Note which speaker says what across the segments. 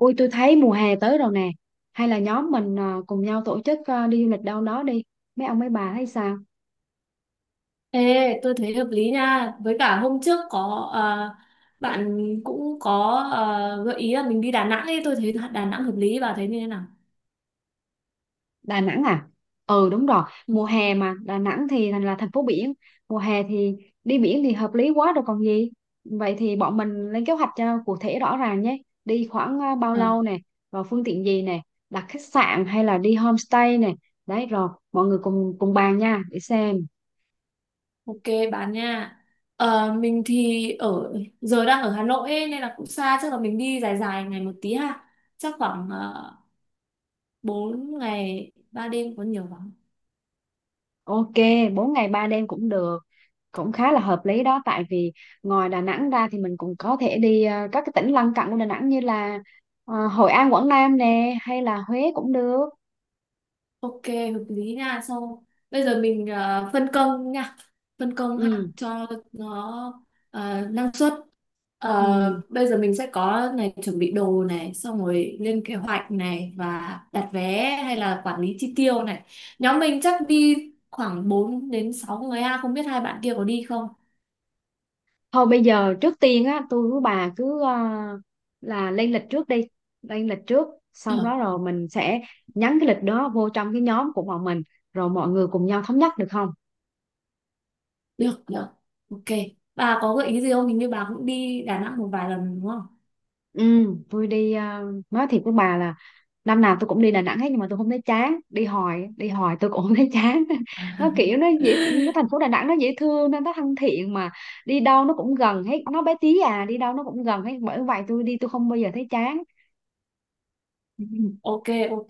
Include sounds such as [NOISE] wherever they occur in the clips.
Speaker 1: Ui, tôi thấy mùa hè tới rồi nè. Hay là nhóm mình cùng nhau tổ chức đi du lịch đâu đó đi. Mấy ông mấy bà thấy sao?
Speaker 2: Ê, tôi thấy hợp lý nha. Với cả hôm trước có bạn cũng có gợi ý là mình đi Đà Nẵng ấy, tôi thấy Đà Nẵng hợp lý, bà thấy như thế nào?
Speaker 1: Đà Nẵng à? Ừ, đúng rồi. Mùa
Speaker 2: Ừ.
Speaker 1: hè mà Đà Nẵng thì thành là thành phố biển. Mùa hè thì đi biển thì hợp lý quá rồi còn gì. Vậy thì bọn mình lên kế hoạch cho cụ thể rõ ràng nhé. Đi khoảng bao
Speaker 2: Ờ,
Speaker 1: lâu nè, rồi phương tiện gì nè? Đặt khách sạn hay là đi homestay nè? Đấy, rồi mọi người cùng cùng bàn nha. Để xem.
Speaker 2: ok bạn nha. Mình thì ở giờ đang ở Hà Nội ấy, nên là cũng xa, chắc là mình đi dài dài ngày một tí ha. Chắc khoảng 4 ngày 3 đêm có nhiều lắm.
Speaker 1: Ok, 4 ngày 3 đêm cũng được, cũng khá là hợp lý đó, tại vì ngoài Đà Nẵng ra thì mình cũng có thể đi các cái tỉnh lân cận của Đà Nẵng như là Hội An, Quảng Nam nè, hay là Huế cũng được.
Speaker 2: Ok, hợp lý nha. Sau bây giờ mình phân công nha, phân công ha
Speaker 1: Ừ,
Speaker 2: cho nó năng suất.
Speaker 1: ừ.
Speaker 2: Bây giờ mình sẽ có này chuẩn bị đồ này, xong rồi lên kế hoạch này và đặt vé hay là quản lý chi tiêu này. Nhóm mình chắc đi khoảng 4 đến 6 người ha, không biết hai bạn kia có đi không?
Speaker 1: Thôi bây giờ trước tiên á, tôi với bà cứ là lên lịch trước đi, lên lịch trước xong
Speaker 2: Được,
Speaker 1: đó rồi mình sẽ nhắn cái lịch đó vô trong cái nhóm của bọn mình, rồi mọi người cùng nhau thống nhất được không?
Speaker 2: được, được. Ok. Bà có gợi ý gì không? Hình như bà cũng đi Đà Nẵng một vài lần đúng không?
Speaker 1: Ừ, tôi đi nói thiệt với bà là năm nào tôi cũng đi Đà Nẵng hết, nhưng mà tôi không thấy chán, đi hồi tôi cũng không thấy chán. [LAUGHS] Nó kiểu nó dễ, cái
Speaker 2: [LAUGHS]
Speaker 1: thành phố Đà Nẵng nó dễ thương, nó thân thiện mà, đi đâu nó cũng gần hết, nó bé tí à, đi đâu nó cũng gần hết, bởi vậy tôi đi tôi không bao giờ thấy chán.
Speaker 2: Ok, ok.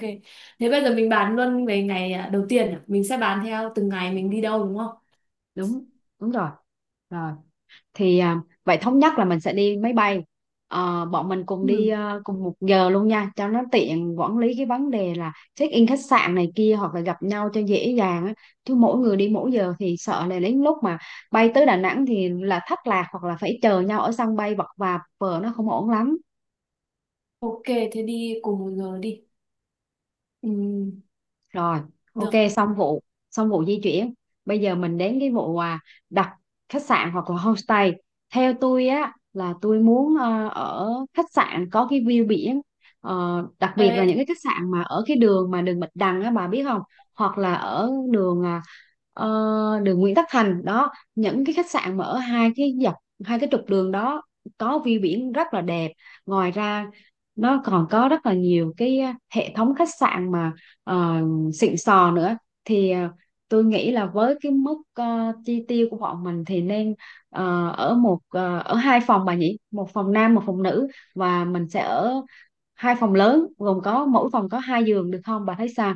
Speaker 2: Thế bây giờ mình bàn luôn về ngày đầu tiên à? Mình sẽ bàn theo từng ngày mình đi đâu đúng không?
Speaker 1: Đúng, đúng rồi, rồi thì vậy thống nhất là mình sẽ đi máy bay. Bọn mình cùng đi
Speaker 2: Ừ.
Speaker 1: cùng một giờ luôn nha, cho nó tiện quản lý cái vấn đề là check in khách sạn này kia, hoặc là gặp nhau cho dễ dàng á, chứ mỗi người đi mỗi giờ thì sợ là đến lúc mà bay tới Đà Nẵng thì là thất lạc, hoặc là phải chờ nhau ở sân bay vật vã vờ, nó không ổn lắm.
Speaker 2: Ok, thế đi cùng một giờ đi. Ừ,
Speaker 1: Rồi, ok,
Speaker 2: được.
Speaker 1: xong vụ xong vụ di chuyển. Bây giờ mình đến cái vụ đặt khách sạn hoặc là homestay. Theo tôi á là tôi muốn ở khách sạn có cái view biển. Đặc biệt
Speaker 2: Ê,
Speaker 1: là những cái khách sạn mà ở cái đường mà đường Bạch Đằng á, bà biết không, hoặc là ở đường ờ, đường Nguyễn Tất Thành đó, những cái khách sạn mà ở hai cái dọc hai cái trục đường đó có view biển rất là đẹp. Ngoài ra nó còn có rất là nhiều cái hệ thống khách sạn mà ờ, xịn sò nữa. Thì tôi nghĩ là với cái mức chi tiêu của bọn mình thì nên ở hai phòng bà nhỉ, một phòng nam một phòng nữ, và mình sẽ ở hai phòng lớn gồm có mỗi phòng có hai giường được không, bà thấy sao?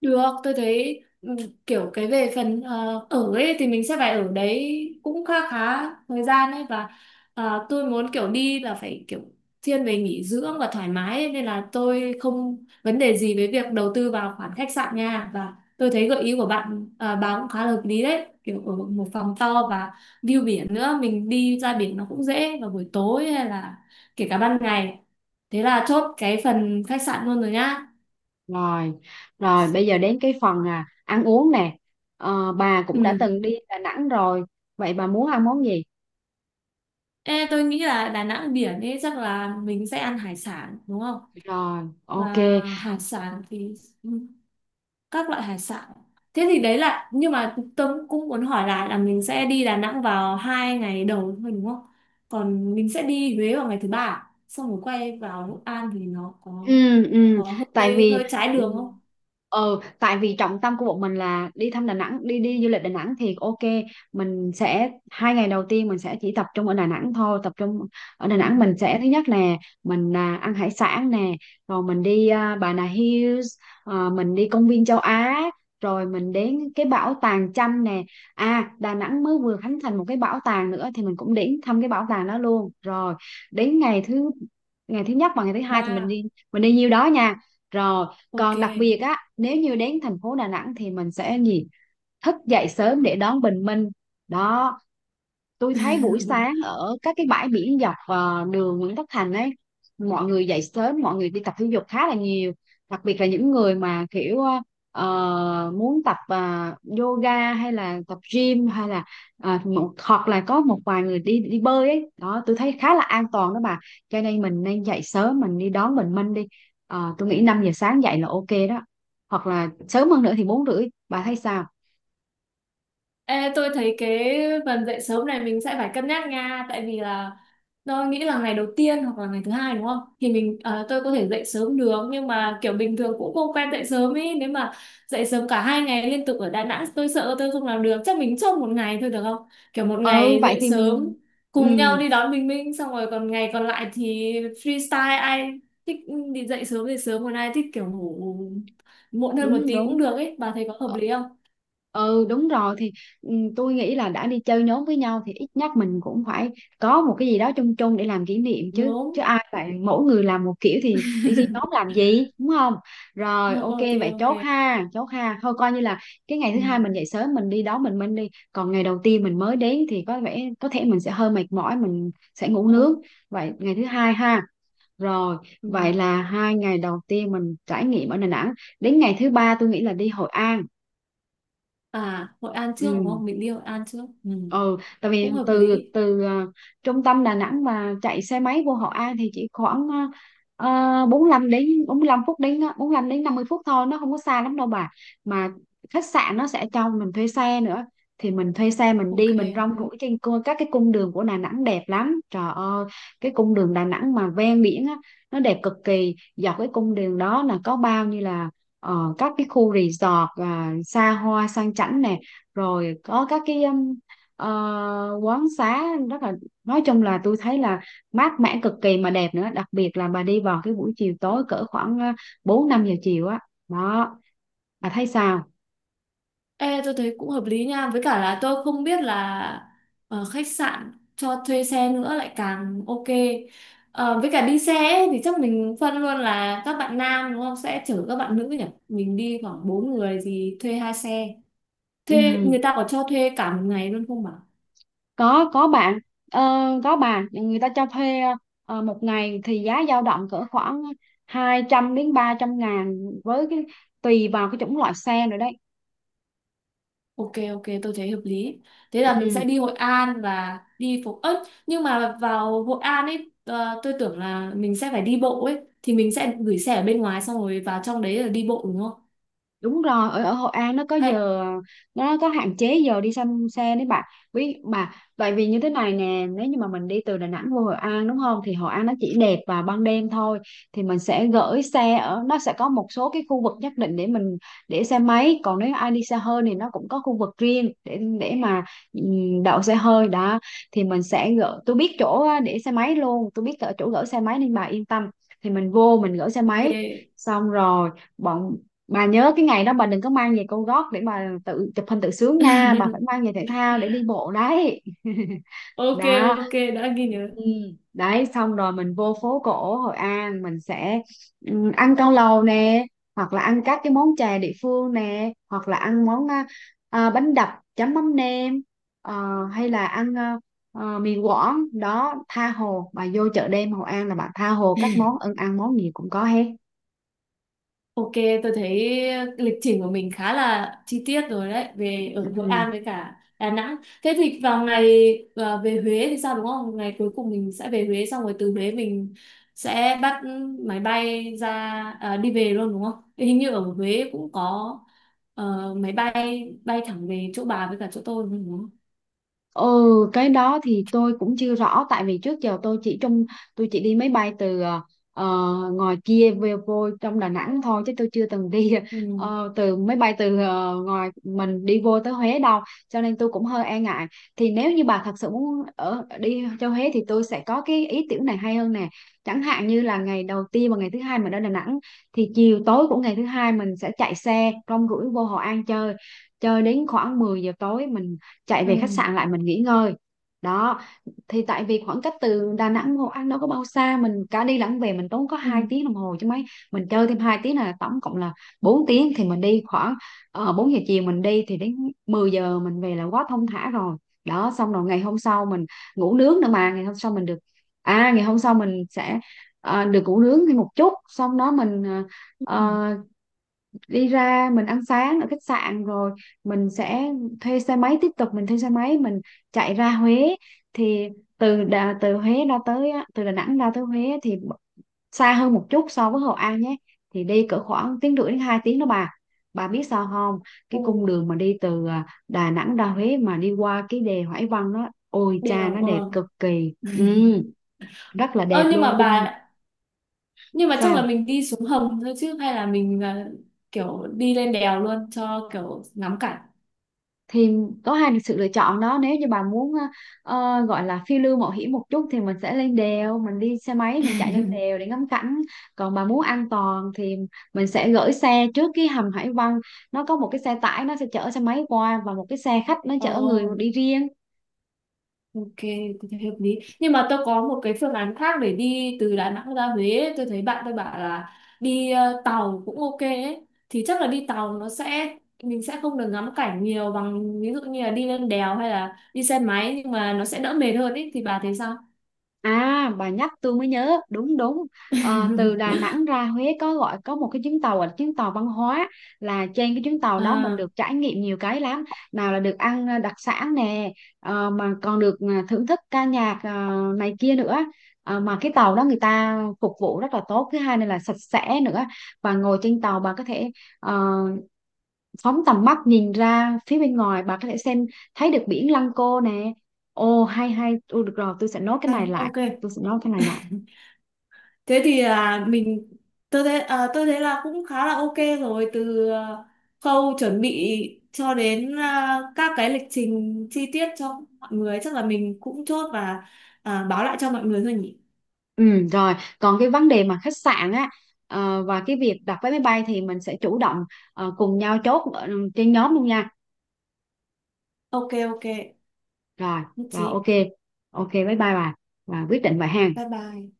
Speaker 2: được, tôi thấy kiểu cái về phần ở ấy thì mình sẽ phải ở đấy cũng khá khá thời gian ấy và tôi muốn kiểu đi là phải kiểu thiên về nghỉ dưỡng và thoải mái ấy, nên là tôi không vấn đề gì với việc đầu tư vào khoản khách sạn nha, và tôi thấy gợi ý của bạn bà cũng khá là hợp lý đấy, kiểu ở một phòng to và view biển, nữa mình đi ra biển nó cũng dễ vào buổi tối hay là kể cả ban ngày. Thế là chốt cái phần khách sạn luôn rồi nhá.
Speaker 1: Rồi rồi bây giờ đến cái phần ăn uống nè. Bà cũng đã
Speaker 2: Ừ.
Speaker 1: từng đi Đà Nẵng rồi, vậy bà muốn ăn món gì?
Speaker 2: Ê, tôi nghĩ là Đà Nẵng biển ấy chắc là mình sẽ ăn hải sản đúng không?
Speaker 1: Rồi, ok.
Speaker 2: Và hải sản thì ừ, các loại hải sản. Thế thì đấy là, nhưng mà tôi cũng muốn hỏi lại là mình sẽ đi Đà Nẵng vào hai ngày đầu thôi đúng không? Còn mình sẽ đi Huế vào ngày thứ ba à? Xong rồi quay vào Hội An thì nó có
Speaker 1: Ừ, ừ,
Speaker 2: có
Speaker 1: tại
Speaker 2: hơi
Speaker 1: vì
Speaker 2: hơi trái
Speaker 1: ừ,
Speaker 2: đường không?
Speaker 1: tại vì trọng tâm của bọn mình là đi thăm Đà Nẵng, đi đi du lịch Đà Nẵng thì ok. Mình sẽ hai ngày đầu tiên mình sẽ chỉ tập trung ở Đà Nẵng thôi, tập trung ở Đà
Speaker 2: Ừ.
Speaker 1: Nẵng. Mình sẽ thứ nhất nè, mình ăn hải sản nè, rồi mình đi Bà Nà Hills, mình đi công viên châu Á, rồi mình đến cái bảo tàng Chăm nè. À, Đà Nẵng mới vừa khánh thành một cái bảo tàng nữa, thì mình cũng đến thăm cái bảo tàng đó luôn. Rồi đến ngày thứ nhất và ngày thứ hai thì mình
Speaker 2: Ba,
Speaker 1: đi, mình đi nhiêu đó nha. Rồi
Speaker 2: ok.
Speaker 1: còn đặc biệt á, nếu như đến thành phố Đà Nẵng thì mình sẽ gì? Thức dậy sớm để đón bình minh. Đó, tôi thấy buổi
Speaker 2: [LAUGHS]
Speaker 1: sáng ở các cái bãi biển dọc đường Nguyễn Tất Thành ấy, mọi người dậy sớm, mọi người đi tập thể dục khá là nhiều, đặc biệt là những người mà kiểu muốn tập yoga, hay là tập gym, hay là hoặc là có một vài người đi đi bơi ấy đó, tôi thấy khá là an toàn đó bà. Cho nên mình nên dậy sớm mình đi đón bình minh đi. Tôi nghĩ 5 giờ sáng dậy là ok đó, hoặc là sớm hơn nữa thì 4 rưỡi, bà thấy sao?
Speaker 2: Ê, tôi thấy cái phần dậy sớm này mình sẽ phải cân nhắc nha, tại vì là tôi nghĩ là ngày đầu tiên hoặc là ngày thứ hai đúng không? Thì mình, tôi có thể dậy sớm được, nhưng mà kiểu bình thường cũng không quen dậy sớm ấy. Nếu mà dậy sớm cả hai ngày liên tục ở Đà Nẵng tôi sợ tôi không làm được. Chắc mình chốt một ngày thôi được không? Kiểu một
Speaker 1: Ừ,
Speaker 2: ngày
Speaker 1: vậy
Speaker 2: dậy
Speaker 1: thì
Speaker 2: sớm cùng
Speaker 1: ừ,
Speaker 2: nhau đi đón Bình Minh, xong rồi còn ngày còn lại thì freestyle, ai thích đi dậy sớm thì sớm, còn ai thích kiểu ngủ muộn hơn một
Speaker 1: đúng
Speaker 2: tí
Speaker 1: đúng.
Speaker 2: cũng được ấy. Bà thấy có hợp
Speaker 1: Ờ,
Speaker 2: lý không?
Speaker 1: ừ, đúng rồi thì ừ, tôi nghĩ là đã đi chơi nhóm với nhau thì ít nhất mình cũng phải có một cái gì đó chung chung để làm kỷ niệm chứ chứ
Speaker 2: Đúng.
Speaker 1: ai vậy, mỗi người làm một kiểu thì đi chơi nhóm làm gì, đúng không?
Speaker 2: Ờ,
Speaker 1: Rồi ok,
Speaker 2: Ok
Speaker 1: vậy
Speaker 2: ok.
Speaker 1: chốt ha, chốt ha. Thôi coi như là cái ngày thứ
Speaker 2: Ừ.
Speaker 1: hai mình dậy sớm mình đi đó, mình đi. Còn ngày đầu tiên mình mới đến thì có vẻ có thể mình sẽ hơi mệt mỏi, mình sẽ ngủ nướng.
Speaker 2: Đúng.
Speaker 1: Vậy ngày thứ hai ha. Rồi,
Speaker 2: Ừ.
Speaker 1: vậy là hai ngày đầu tiên mình trải nghiệm ở Đà Nẵng. Đến ngày thứ ba tôi nghĩ là đi Hội An.
Speaker 2: À, Hội An trước đúng
Speaker 1: Ừ,
Speaker 2: không? Mình đi Hội An trước. Ừ.
Speaker 1: ừ, tại vì
Speaker 2: Cũng hợp
Speaker 1: từ
Speaker 2: lý,
Speaker 1: từ trung tâm Đà Nẵng mà chạy xe máy vô Hội An thì chỉ khoảng 45 đến 50 phút thôi, nó không có xa lắm đâu bà. Mà khách sạn nó sẽ cho mình thuê xe nữa, thì mình thuê xe mình
Speaker 2: ok.
Speaker 1: đi, mình rong ruổi trên các cái cung đường của Đà Nẵng đẹp lắm trời ơi. Cái cung đường Đà Nẵng mà ven biển á, nó đẹp cực kỳ. Dọc cái cung đường đó là có bao nhiêu là các cái khu resort xa hoa sang chảnh nè, rồi có các cái quán xá, rất là, nói chung là tôi thấy là mát mẻ cực kỳ mà đẹp nữa. Đặc biệt là bà đi vào cái buổi chiều tối cỡ khoảng bốn năm giờ chiều á, đó, bà thấy sao?
Speaker 2: Ê, tôi thấy cũng hợp lý nha, với cả là tôi không biết là khách sạn cho thuê xe nữa, lại càng ok. Với cả đi xe ấy, thì chắc mình phân luôn là các bạn nam đúng không sẽ chở các bạn nữ nhỉ, mình đi khoảng bốn người thì thuê hai xe, thuê
Speaker 1: Ừ.
Speaker 2: người ta có cho thuê cả một ngày luôn không bà?
Speaker 1: có, bạn, ờ, có bà, người ta cho thuê một ngày thì giá dao động cỡ khoảng 200 đến 300 ngàn, với cái, tùy vào cái chủng loại xe nữa đấy.
Speaker 2: Ok, ok, tôi thấy hợp lý. Thế là mình
Speaker 1: Ừ.
Speaker 2: sẽ đi Hội An và đi phố ớt, nhưng mà vào Hội An ấy tôi tưởng là mình sẽ phải đi bộ ấy, thì mình sẽ gửi xe ở bên ngoài xong rồi vào trong đấy là đi bộ đúng không?
Speaker 1: Đúng rồi, ở ở Hội An nó có
Speaker 2: Hay
Speaker 1: giờ, nó có hạn chế giờ đi xăm xe đấy bạn, biết mà. Tại vì như thế này nè, nếu như mà mình đi từ Đà Nẵng vô Hội An, đúng không, thì Hội An nó chỉ đẹp vào ban đêm thôi. Thì mình sẽ gửi xe ở, nó sẽ có một số cái khu vực nhất định để mình để xe máy, còn nếu ai đi xe hơi thì nó cũng có khu vực riêng để mà đậu xe hơi đó. Thì mình sẽ gửi, tôi biết chỗ để xe máy luôn, tôi biết ở chỗ gửi xe máy nên bà yên tâm. Thì mình vô mình gửi xe
Speaker 2: ok.
Speaker 1: máy xong rồi. bọn bà nhớ cái ngày đó bà đừng có mang giày cao gót để bà tự chụp hình tự sướng nha, bà phải mang
Speaker 2: [LAUGHS]
Speaker 1: giày thể thao để đi bộ đấy. [LAUGHS]
Speaker 2: Ok
Speaker 1: Đó.
Speaker 2: ok, đã ghi nhớ.
Speaker 1: Ừ. Đấy, xong rồi mình vô phố cổ Hội An, mình sẽ ăn cao lầu nè, hoặc là ăn các cái món chè địa phương nè, hoặc là ăn món bánh đập chấm mắm nêm, hay là ăn mì Quảng đó. Tha hồ, bà vô chợ đêm Hội An là bà tha hồ các
Speaker 2: [LAUGHS]
Speaker 1: món ăn, ăn món gì cũng có hết.
Speaker 2: Ok, tôi thấy lịch trình của mình khá là chi tiết rồi đấy, về ở Hội
Speaker 1: Ừ.
Speaker 2: An với cả Đà Nẵng. Thế thì vào ngày, về Huế thì sao đúng không? Ngày cuối cùng mình sẽ về Huế, xong rồi từ Huế mình sẽ bắt máy bay ra, đi về luôn đúng không? Hình như ở Huế cũng có máy bay bay thẳng về chỗ bà với cả chỗ tôi đúng không?
Speaker 1: Ừ, cái đó thì tôi cũng chưa rõ, tại vì trước giờ tôi chỉ trong, tôi chỉ đi máy bay từ ngoài kia về vô trong Đà Nẵng thôi, chứ tôi chưa từng đi
Speaker 2: Ừ.
Speaker 1: từ máy bay từ ngoài mình đi vô tới Huế đâu, cho nên tôi cũng hơi e ngại. Thì nếu như bà thật sự muốn đi cho Huế thì tôi sẽ có cái ý tưởng này hay hơn nè. Chẳng hạn như là ngày đầu tiên và ngày thứ hai mình ở Đà Nẵng, thì chiều tối của ngày thứ hai mình sẽ chạy xe rong ruổi vô Hội An chơi, chơi đến khoảng 10 giờ tối mình chạy
Speaker 2: Ừ.
Speaker 1: về khách sạn lại mình nghỉ ngơi. Đó, thì tại vì khoảng cách từ Đà Nẵng Hội An đâu có bao xa, mình cả đi lẫn về mình tốn có
Speaker 2: Ừ.
Speaker 1: 2 tiếng đồng hồ chứ mấy. Mình chơi thêm 2 tiếng là tổng cộng là 4 tiếng, thì mình đi khoảng 4 giờ chiều mình đi thì đến 10 giờ mình về là quá thong thả rồi. Đó, xong rồi ngày hôm sau mình ngủ nướng nữa, mà ngày hôm sau mình được, à ngày hôm sau mình sẽ được ngủ nướng thêm một chút, xong đó mình
Speaker 2: Ừ.
Speaker 1: ờ, đi ra mình ăn sáng ở khách sạn, rồi mình sẽ thuê xe máy, tiếp tục mình thuê xe máy mình chạy ra Huế. Thì từ Đà Nẵng ra tới Huế thì xa hơn một chút so với Hội An nhé, thì đi cỡ khoảng tiếng rưỡi đến 2 tiếng đó bà. Bà biết sao không,
Speaker 2: Ừ.
Speaker 1: cái cung đường mà đi từ Đà Nẵng ra Huế mà đi qua cái đèo Hải Vân đó, ôi cha
Speaker 2: Đều
Speaker 1: nó đẹp
Speaker 2: ờ.
Speaker 1: cực kỳ. Ừ, rất là
Speaker 2: Ơ,
Speaker 1: đẹp
Speaker 2: nhưng
Speaker 1: luôn,
Speaker 2: mà
Speaker 1: cung đường.
Speaker 2: chắc là
Speaker 1: Sao?
Speaker 2: mình đi xuống hầm thôi chứ, hay là mình kiểu đi lên đèo luôn cho kiểu ngắm cảnh.
Speaker 1: Thì có hai sự lựa chọn đó. Nếu như bà muốn gọi là phiêu lưu mạo hiểm một chút thì mình sẽ lên đèo, mình đi xe máy mình chạy lên đèo để ngắm cảnh. Còn bà muốn an toàn thì mình sẽ gửi xe trước cái hầm Hải Vân, nó có một cái xe tải nó sẽ chở xe máy qua, và một cái xe khách nó
Speaker 2: Ồ,
Speaker 1: chở người đi riêng.
Speaker 2: ok, tôi thấy hợp lý, nhưng mà tôi có một cái phương án khác để đi từ Đà Nẵng ra Huế ấy. Tôi thấy bạn tôi bảo là đi tàu cũng ok ấy, thì chắc là đi tàu, nó sẽ mình sẽ không được ngắm cảnh nhiều bằng ví dụ như là đi lên đèo hay là đi xe máy, nhưng mà nó sẽ đỡ mệt hơn ấy, thì bà thấy sao?
Speaker 1: À, bà nhắc tôi mới nhớ, đúng đúng. Ờ, từ Đà
Speaker 2: [LAUGHS]
Speaker 1: Nẵng ra Huế có gọi, có một cái chuyến tàu là chuyến tàu văn hóa, là trên cái chuyến tàu đó mình
Speaker 2: À
Speaker 1: được trải nghiệm nhiều cái lắm. Nào là được ăn đặc sản nè, mà còn được thưởng thức ca nhạc này kia nữa. Ờ, mà cái tàu đó người ta phục vụ rất là tốt, thứ hai nữa là sạch sẽ nữa. Và ngồi trên tàu bà có thể ờ, phóng tầm mắt nhìn ra phía bên ngoài, bà có thể xem thấy được biển Lăng Cô nè. Ồ, hay hay. Ồ, được rồi, tôi sẽ nốt cái này
Speaker 2: này,
Speaker 1: lại,
Speaker 2: ok.
Speaker 1: tôi sẽ nốt cái này lại.
Speaker 2: Thế thì là mình tôi thấy à, tôi thấy là cũng khá là ok. Rồi từ, khâu chuẩn bị cho đến các cái lịch trình chi tiết cho mọi người chắc là mình cũng chốt và báo lại cho mọi người thôi nhỉ.
Speaker 1: Ừ, rồi, còn cái vấn đề mà khách sạn á, và cái việc đặt vé máy bay thì mình sẽ chủ động cùng nhau chốt trên nhóm luôn nha.
Speaker 2: Ok ok,
Speaker 1: Rồi,
Speaker 2: nhất
Speaker 1: ok,
Speaker 2: trí.
Speaker 1: ok, bye bye bà, và quyết định vậy ha.
Speaker 2: Bye bye.